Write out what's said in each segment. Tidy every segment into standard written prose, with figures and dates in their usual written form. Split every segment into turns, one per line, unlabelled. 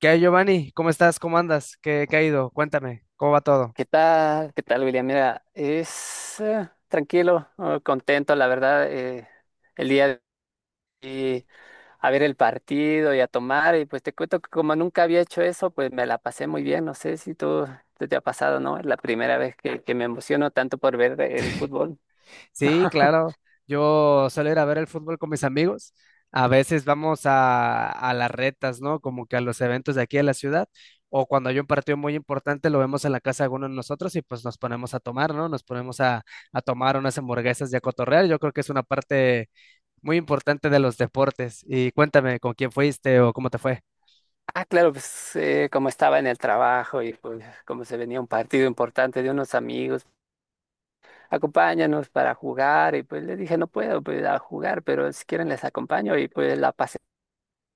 ¿Qué hay, Giovanni? ¿Cómo estás? ¿Cómo andas? ¿Qué ha ido? Cuéntame, ¿cómo va todo?
¿Qué tal? ¿Qué tal, William? Mira, es tranquilo, contento, la verdad, el día de hoy a ver el partido y a tomar, y pues te cuento que como nunca había hecho eso, pues me la pasé muy bien, no sé si tú te ha pasado, ¿no? Es la primera vez que me emociono tanto por ver el fútbol.
Sí, claro. Yo suelo ir a ver el fútbol con mis amigos. A veces vamos a las retas, ¿no? Como que a los eventos de aquí de la ciudad. O cuando hay un partido muy importante, lo vemos en la casa de alguno de nosotros y pues nos ponemos a tomar, ¿no? Nos ponemos a tomar unas hamburguesas y a cotorrear. Yo creo que es una parte muy importante de los deportes. Y cuéntame, ¿con quién fuiste o cómo te fue?
Ah, claro, pues como estaba en el trabajo y pues como se venía un partido importante de unos amigos, acompáñanos para jugar, y pues le dije, no puedo pues, a jugar, pero si quieren les acompaño, y pues la pasé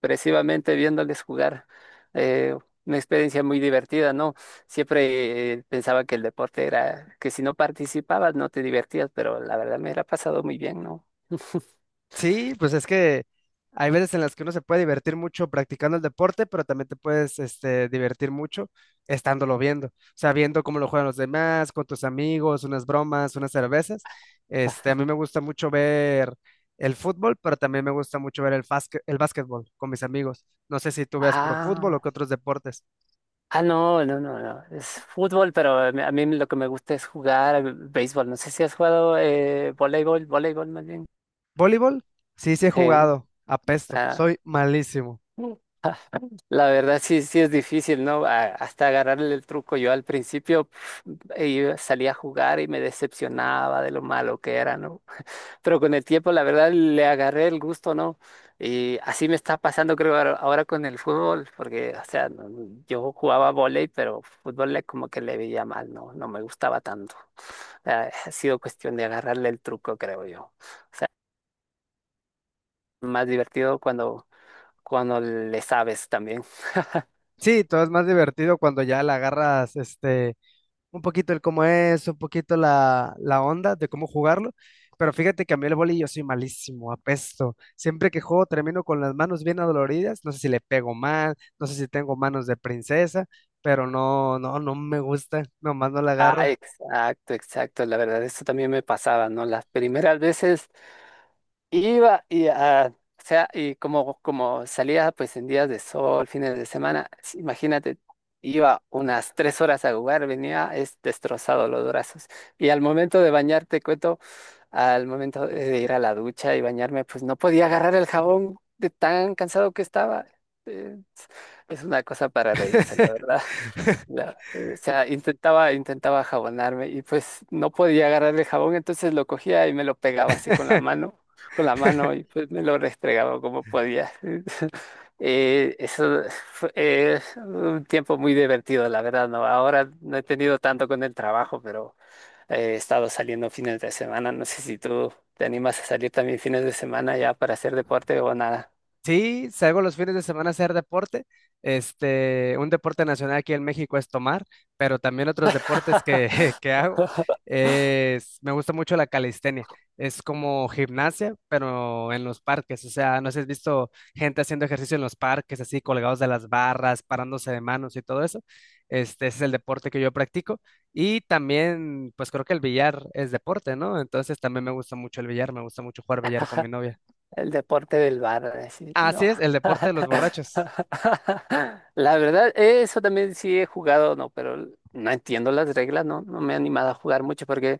expresivamente viéndoles jugar. eh, una experiencia muy divertida, ¿no? Siempre pensaba que el deporte era que si no participabas no te divertías, pero la verdad me la ha pasado muy bien, ¿no?
Sí, pues es que hay veces en las que uno se puede divertir mucho practicando el deporte, pero también te puedes divertir mucho estándolo viendo. O sea, viendo cómo lo juegan los demás, con tus amigos, unas bromas, unas cervezas. A mí me gusta mucho ver el fútbol, pero también me gusta mucho ver el básquetbol con mis amigos. No sé si tú veas puro fútbol
Ah,
o qué otros deportes.
ah, no, no, no, no. Es fútbol, pero a mí lo que me gusta es jugar béisbol. No sé si has jugado voleibol, más bien.
¿Voleibol? Sí, sí he
Sí.
jugado. Apesto,
Ah.
soy malísimo.
La verdad sí, sí es difícil, ¿no? Hasta agarrarle el truco. Yo al principio salía a jugar y me decepcionaba de lo malo que era, ¿no? Pero con el tiempo, la verdad, le agarré el gusto, ¿no? Y así me está pasando, creo, ahora con el fútbol, porque, o sea, no- no, yo jugaba vóley, pero fútbol como que le veía mal, ¿no? No me gustaba tanto. Ha sido cuestión de agarrarle el truco, creo yo. O sea, más divertido cuando, cuando le sabes también.
Sí, todo es más divertido cuando ya la agarras, un poquito el cómo es, un poquito la onda de cómo jugarlo. Pero fíjate que a mí el vóley yo soy malísimo, apesto. Siempre que juego termino con las manos bien adoloridas. No sé si le pego mal, no sé si tengo manos de princesa, pero no me gusta. Nomás no la
Ah,
agarro.
exacto, exacto. La verdad, eso también me pasaba, ¿no? Las primeras veces iba y, ah, o sea, y como, como salía pues en días de sol, fines de semana, imagínate, iba unas tres horas a jugar, venía es destrozado los brazos. Y al momento de bañarte, cuento, al momento de ir a la ducha y bañarme, pues no podía agarrar el jabón de tan cansado que estaba. Eh, Es una cosa para reírse, la verdad. O sea, intentaba, intentaba jabonarme y pues no podía agarrar el jabón, entonces lo cogía y me lo pegaba así con la mano y pues me lo restregaba como podía. Eso fue un tiempo muy divertido, la verdad, ¿no? Ahora no he tenido tanto con el trabajo, pero he estado saliendo fines de semana. No sé si tú te animas a salir también fines de semana ya para hacer deporte o nada.
Sí, salgo los fines de semana a hacer deporte. Un deporte nacional aquí en México es tomar, pero también otros deportes que, que hago. Me gusta mucho la calistenia. Es como gimnasia, pero en los parques. O sea, no sé si has visto gente haciendo ejercicio en los parques, así colgados de las barras, parándose de manos y todo eso. Ese es el deporte que yo practico. Y también, pues creo que el billar es deporte, ¿no? Entonces también me gusta mucho el billar, me gusta mucho jugar billar con mi novia.
El deporte del bar, así,
Así
no.
es, el deporte de los borrachos.
La verdad, eso también sí he jugado, no, pero no entiendo las reglas, no, no me he animado a jugar mucho porque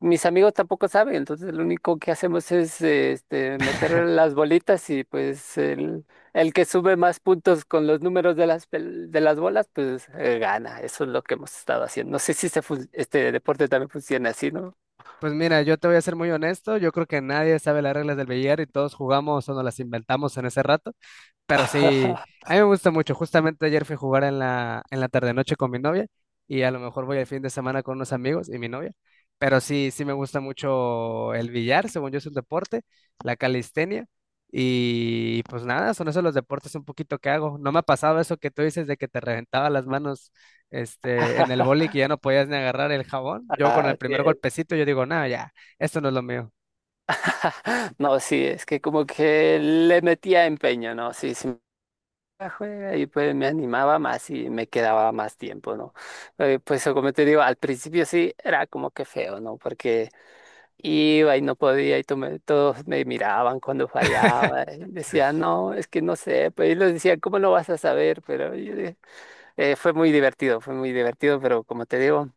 mis amigos tampoco saben, entonces lo único que hacemos es este, meter las bolitas y pues el que sube más puntos con los números de las, de las bolas, pues gana, eso es lo que hemos estado haciendo. No sé si este, este deporte también funciona así, ¿no?
Pues mira, yo te voy a ser muy honesto, yo creo que nadie sabe las reglas del billar y todos jugamos o nos las inventamos en ese rato. Pero sí, a mí me gusta mucho. Justamente ayer fui a jugar en la tarde-noche con mi novia y a lo mejor voy el fin de semana con unos amigos y mi novia. Pero sí, sí me gusta mucho el billar, según yo es un deporte, la calistenia. Y pues nada, son esos los deportes un poquito que hago. No me ha pasado eso que tú dices de que te reventaba las manos en el boli que ya no podías ni agarrar el jabón. Yo con
Ah,
el
sí.
primer golpecito yo digo, no, ya, esto no es lo mío.
No, sí, es que como que le metía empeño, ¿no? Sí, sí, me juega y pues me animaba más y me quedaba más tiempo, ¿no? Pues como te digo, al principio sí era como que feo, ¿no? Porque iba y no podía y todos me miraban cuando fallaba. Y decían, no, es que no sé, pues ellos decían, ¿cómo no vas a saber? Pero fue muy divertido, pero como te digo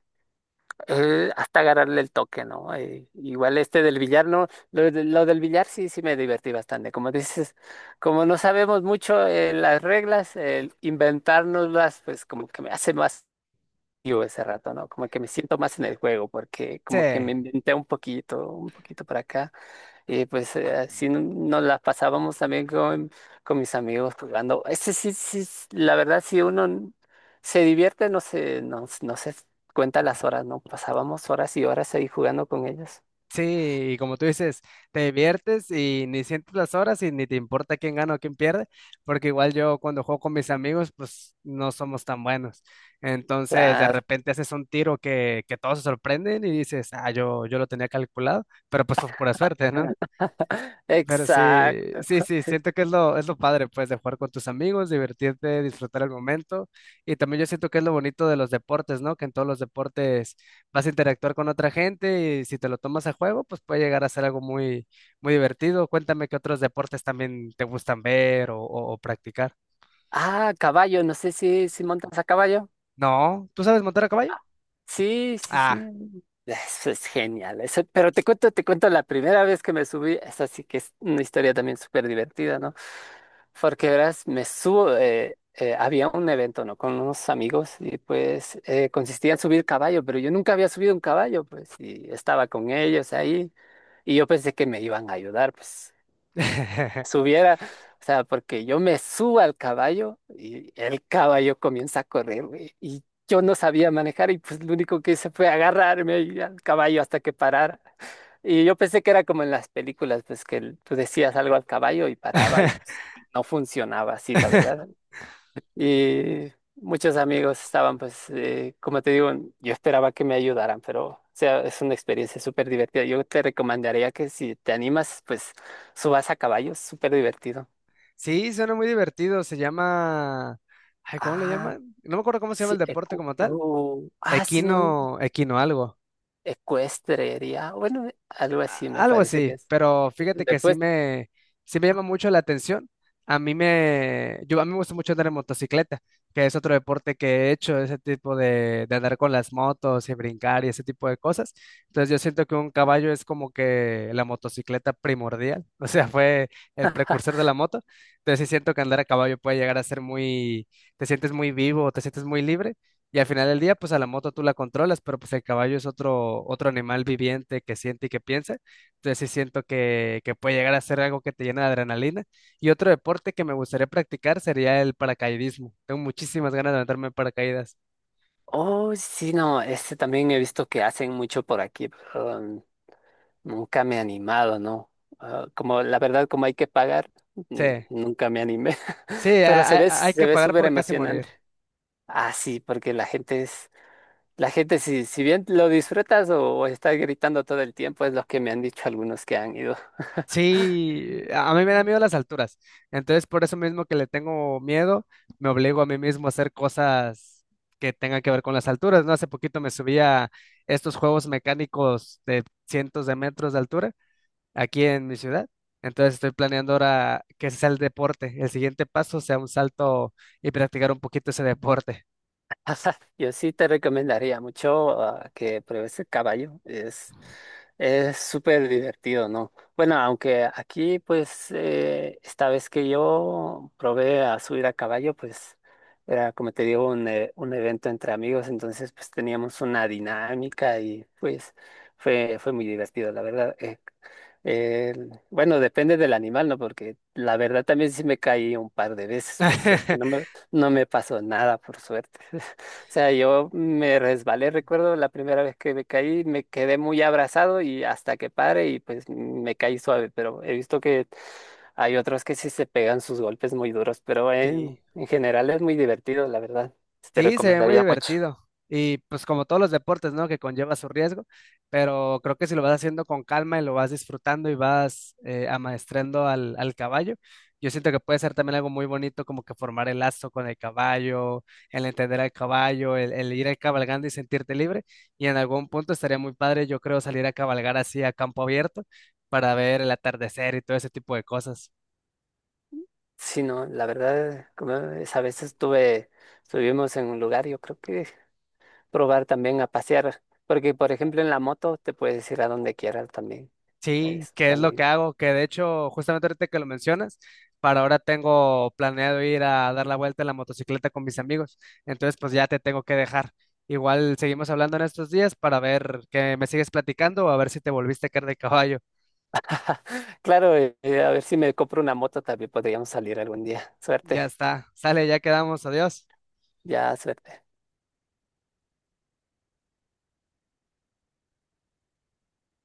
hasta agarrarle el toque, ¿no? Igual este del billar, no, lo del billar sí, sí me divertí bastante. Como dices, como no sabemos mucho las reglas, el inventárnoslas, pues como que me hace más yo ese rato, ¿no? Como que me siento más en el juego, porque
Sí.
como que me inventé un poquito para acá. Y pues así nos las pasábamos también con mis amigos jugando. Ese sí, sí, la verdad, si se divierte, no se, no, no se cuenta las horas, ¿no? Pasábamos horas y horas ahí jugando con ellos.
Sí, y como tú dices, te diviertes y ni sientes las horas y ni te importa quién gana o quién pierde, porque igual yo cuando juego con mis amigos, pues no somos tan buenos. Entonces, de
Claro,
repente haces un tiro que todos se sorprenden y dices, ah, yo lo tenía calculado, pero pues fue pura suerte, ¿no? Pero
exacto.
sí, siento que es lo padre, pues, de jugar con tus amigos, divertirte, disfrutar el momento. Y también yo siento que es lo bonito de los deportes, ¿no? Que en todos los deportes vas a interactuar con otra gente y si te lo tomas a juego, pues puede llegar a ser algo muy divertido. Cuéntame qué otros deportes también te gustan ver o practicar.
Ah, caballo, no sé si, si montas a caballo.
No, ¿tú sabes montar a caballo?
Sí, sí,
Ah.
sí. Eso es genial. Eso, pero te cuento la primera vez que me subí. Esa sí que es una historia también súper divertida, ¿no? Porque verás, me subo. Había un evento, ¿no? Con unos amigos y pues consistía en subir caballo, pero yo nunca había subido un caballo, pues, y estaba con ellos ahí. Y yo pensé que me iban a ayudar, pues subiera, o sea, porque yo me subo al caballo y el caballo comienza a correr, güey, y yo no sabía manejar y pues lo único que hice fue agarrarme ahí al caballo hasta que parara. Y yo pensé que era como en las películas, pues que tú decías algo al caballo y paraba y pues no funcionaba así, la verdad. Y muchos amigos estaban, pues, como te digo, yo esperaba que me ayudaran, pero, o sea, es una experiencia súper divertida. Yo te recomendaría que si te animas, pues, subas a caballo, es súper divertido.
Sí, suena muy divertido. Se llama... Ay, ¿cómo le
Ah,
llaman? No me acuerdo cómo se llama
sí,
el deporte como tal.
ah, sí, no,
Equino algo
ecuestrería, bueno, algo así me
algo
parece que
así,
es.
pero fíjate que
Después,
sí me llama mucho la atención. A mí me gusta mucho andar en motocicleta, que es otro deporte que he hecho, ese tipo de andar con las motos y brincar y ese tipo de cosas. Entonces yo siento que un caballo es como que la motocicleta primordial, o sea, fue el precursor de la moto. Entonces sí siento que andar a caballo puede llegar a ser muy, te sientes muy vivo, te sientes muy libre. Y al final del día, pues a la moto tú la controlas, pero pues el caballo es otro animal viviente que siente y que piensa. Entonces sí siento que puede llegar a ser algo que te llena de adrenalina. Y otro deporte que me gustaría practicar sería el paracaidismo. Tengo muchísimas ganas de meterme en paracaídas.
oh, sí, no, este también he visto que hacen mucho por aquí. Nunca me he animado, ¿no? Ah, como la verdad, como hay que pagar,
Sí,
nunca me animé.
sí,
Pero
hay
se
que
ve
pagar
súper
por casi morir.
emocionante. Ah, sí, porque la gente es, la gente si, si bien lo disfrutas o estás gritando todo el tiempo, es lo que me han dicho algunos que han ido.
Sí, a mí me da miedo las alturas. Entonces por eso mismo que le tengo miedo, me obligo a mí mismo a hacer cosas que tengan que ver con las alturas, ¿no? Hace poquito me subí a estos juegos mecánicos de cientos de metros de altura aquí en mi ciudad. Entonces estoy planeando ahora que ese sea el deporte. El siguiente paso sea un salto y practicar un poquito ese deporte.
Yo sí te recomendaría mucho que pruebes el caballo. Es súper divertido, ¿no? Bueno, aunque aquí, pues, esta vez que yo probé a subir a caballo, pues, era como te digo, un evento entre amigos, entonces, pues, teníamos una dinámica y, pues, fue, fue muy divertido, la verdad. Bueno, depende del animal, ¿no? Porque la verdad también sí me caí un par de veces, por suerte. No me pasó nada, por suerte. Sea, yo me resbalé, recuerdo la primera vez que me caí, me quedé muy abrazado y hasta que pare y pues me caí suave, pero he visto que hay otros que sí se pegan sus golpes muy duros, pero
Sí.
en general es muy divertido, la verdad. Te
Sí, se ve muy
recomendaría mucho.
divertido. Y pues como todos los deportes, ¿no? Que conlleva su riesgo, pero creo que si lo vas haciendo con calma y lo vas disfrutando y vas amaestrando al caballo, yo siento que puede ser también algo muy bonito como que formar el lazo con el caballo, el entender al caballo, el ir cabalgando y sentirte libre. Y en algún punto estaría muy padre, yo creo, salir a cabalgar así a campo abierto para ver el atardecer y todo ese tipo de cosas.
Sí, no, la verdad, como esa vez estuve, estuvimos en un lugar, yo creo que probar también a pasear, porque por ejemplo en la moto te puedes ir a donde quieras también.
Sí,
Es
que es lo que
también.
hago, que de hecho, justamente ahorita que lo mencionas, para ahora tengo planeado ir a dar la vuelta en la motocicleta con mis amigos. Entonces, pues ya te tengo que dejar. Igual seguimos hablando en estos días para ver que me sigues platicando o a ver si te volviste a caer de caballo.
Claro, a ver si me compro una moto también podríamos salir algún día. Suerte,
Ya está, sale, ya quedamos, adiós.
ya suerte.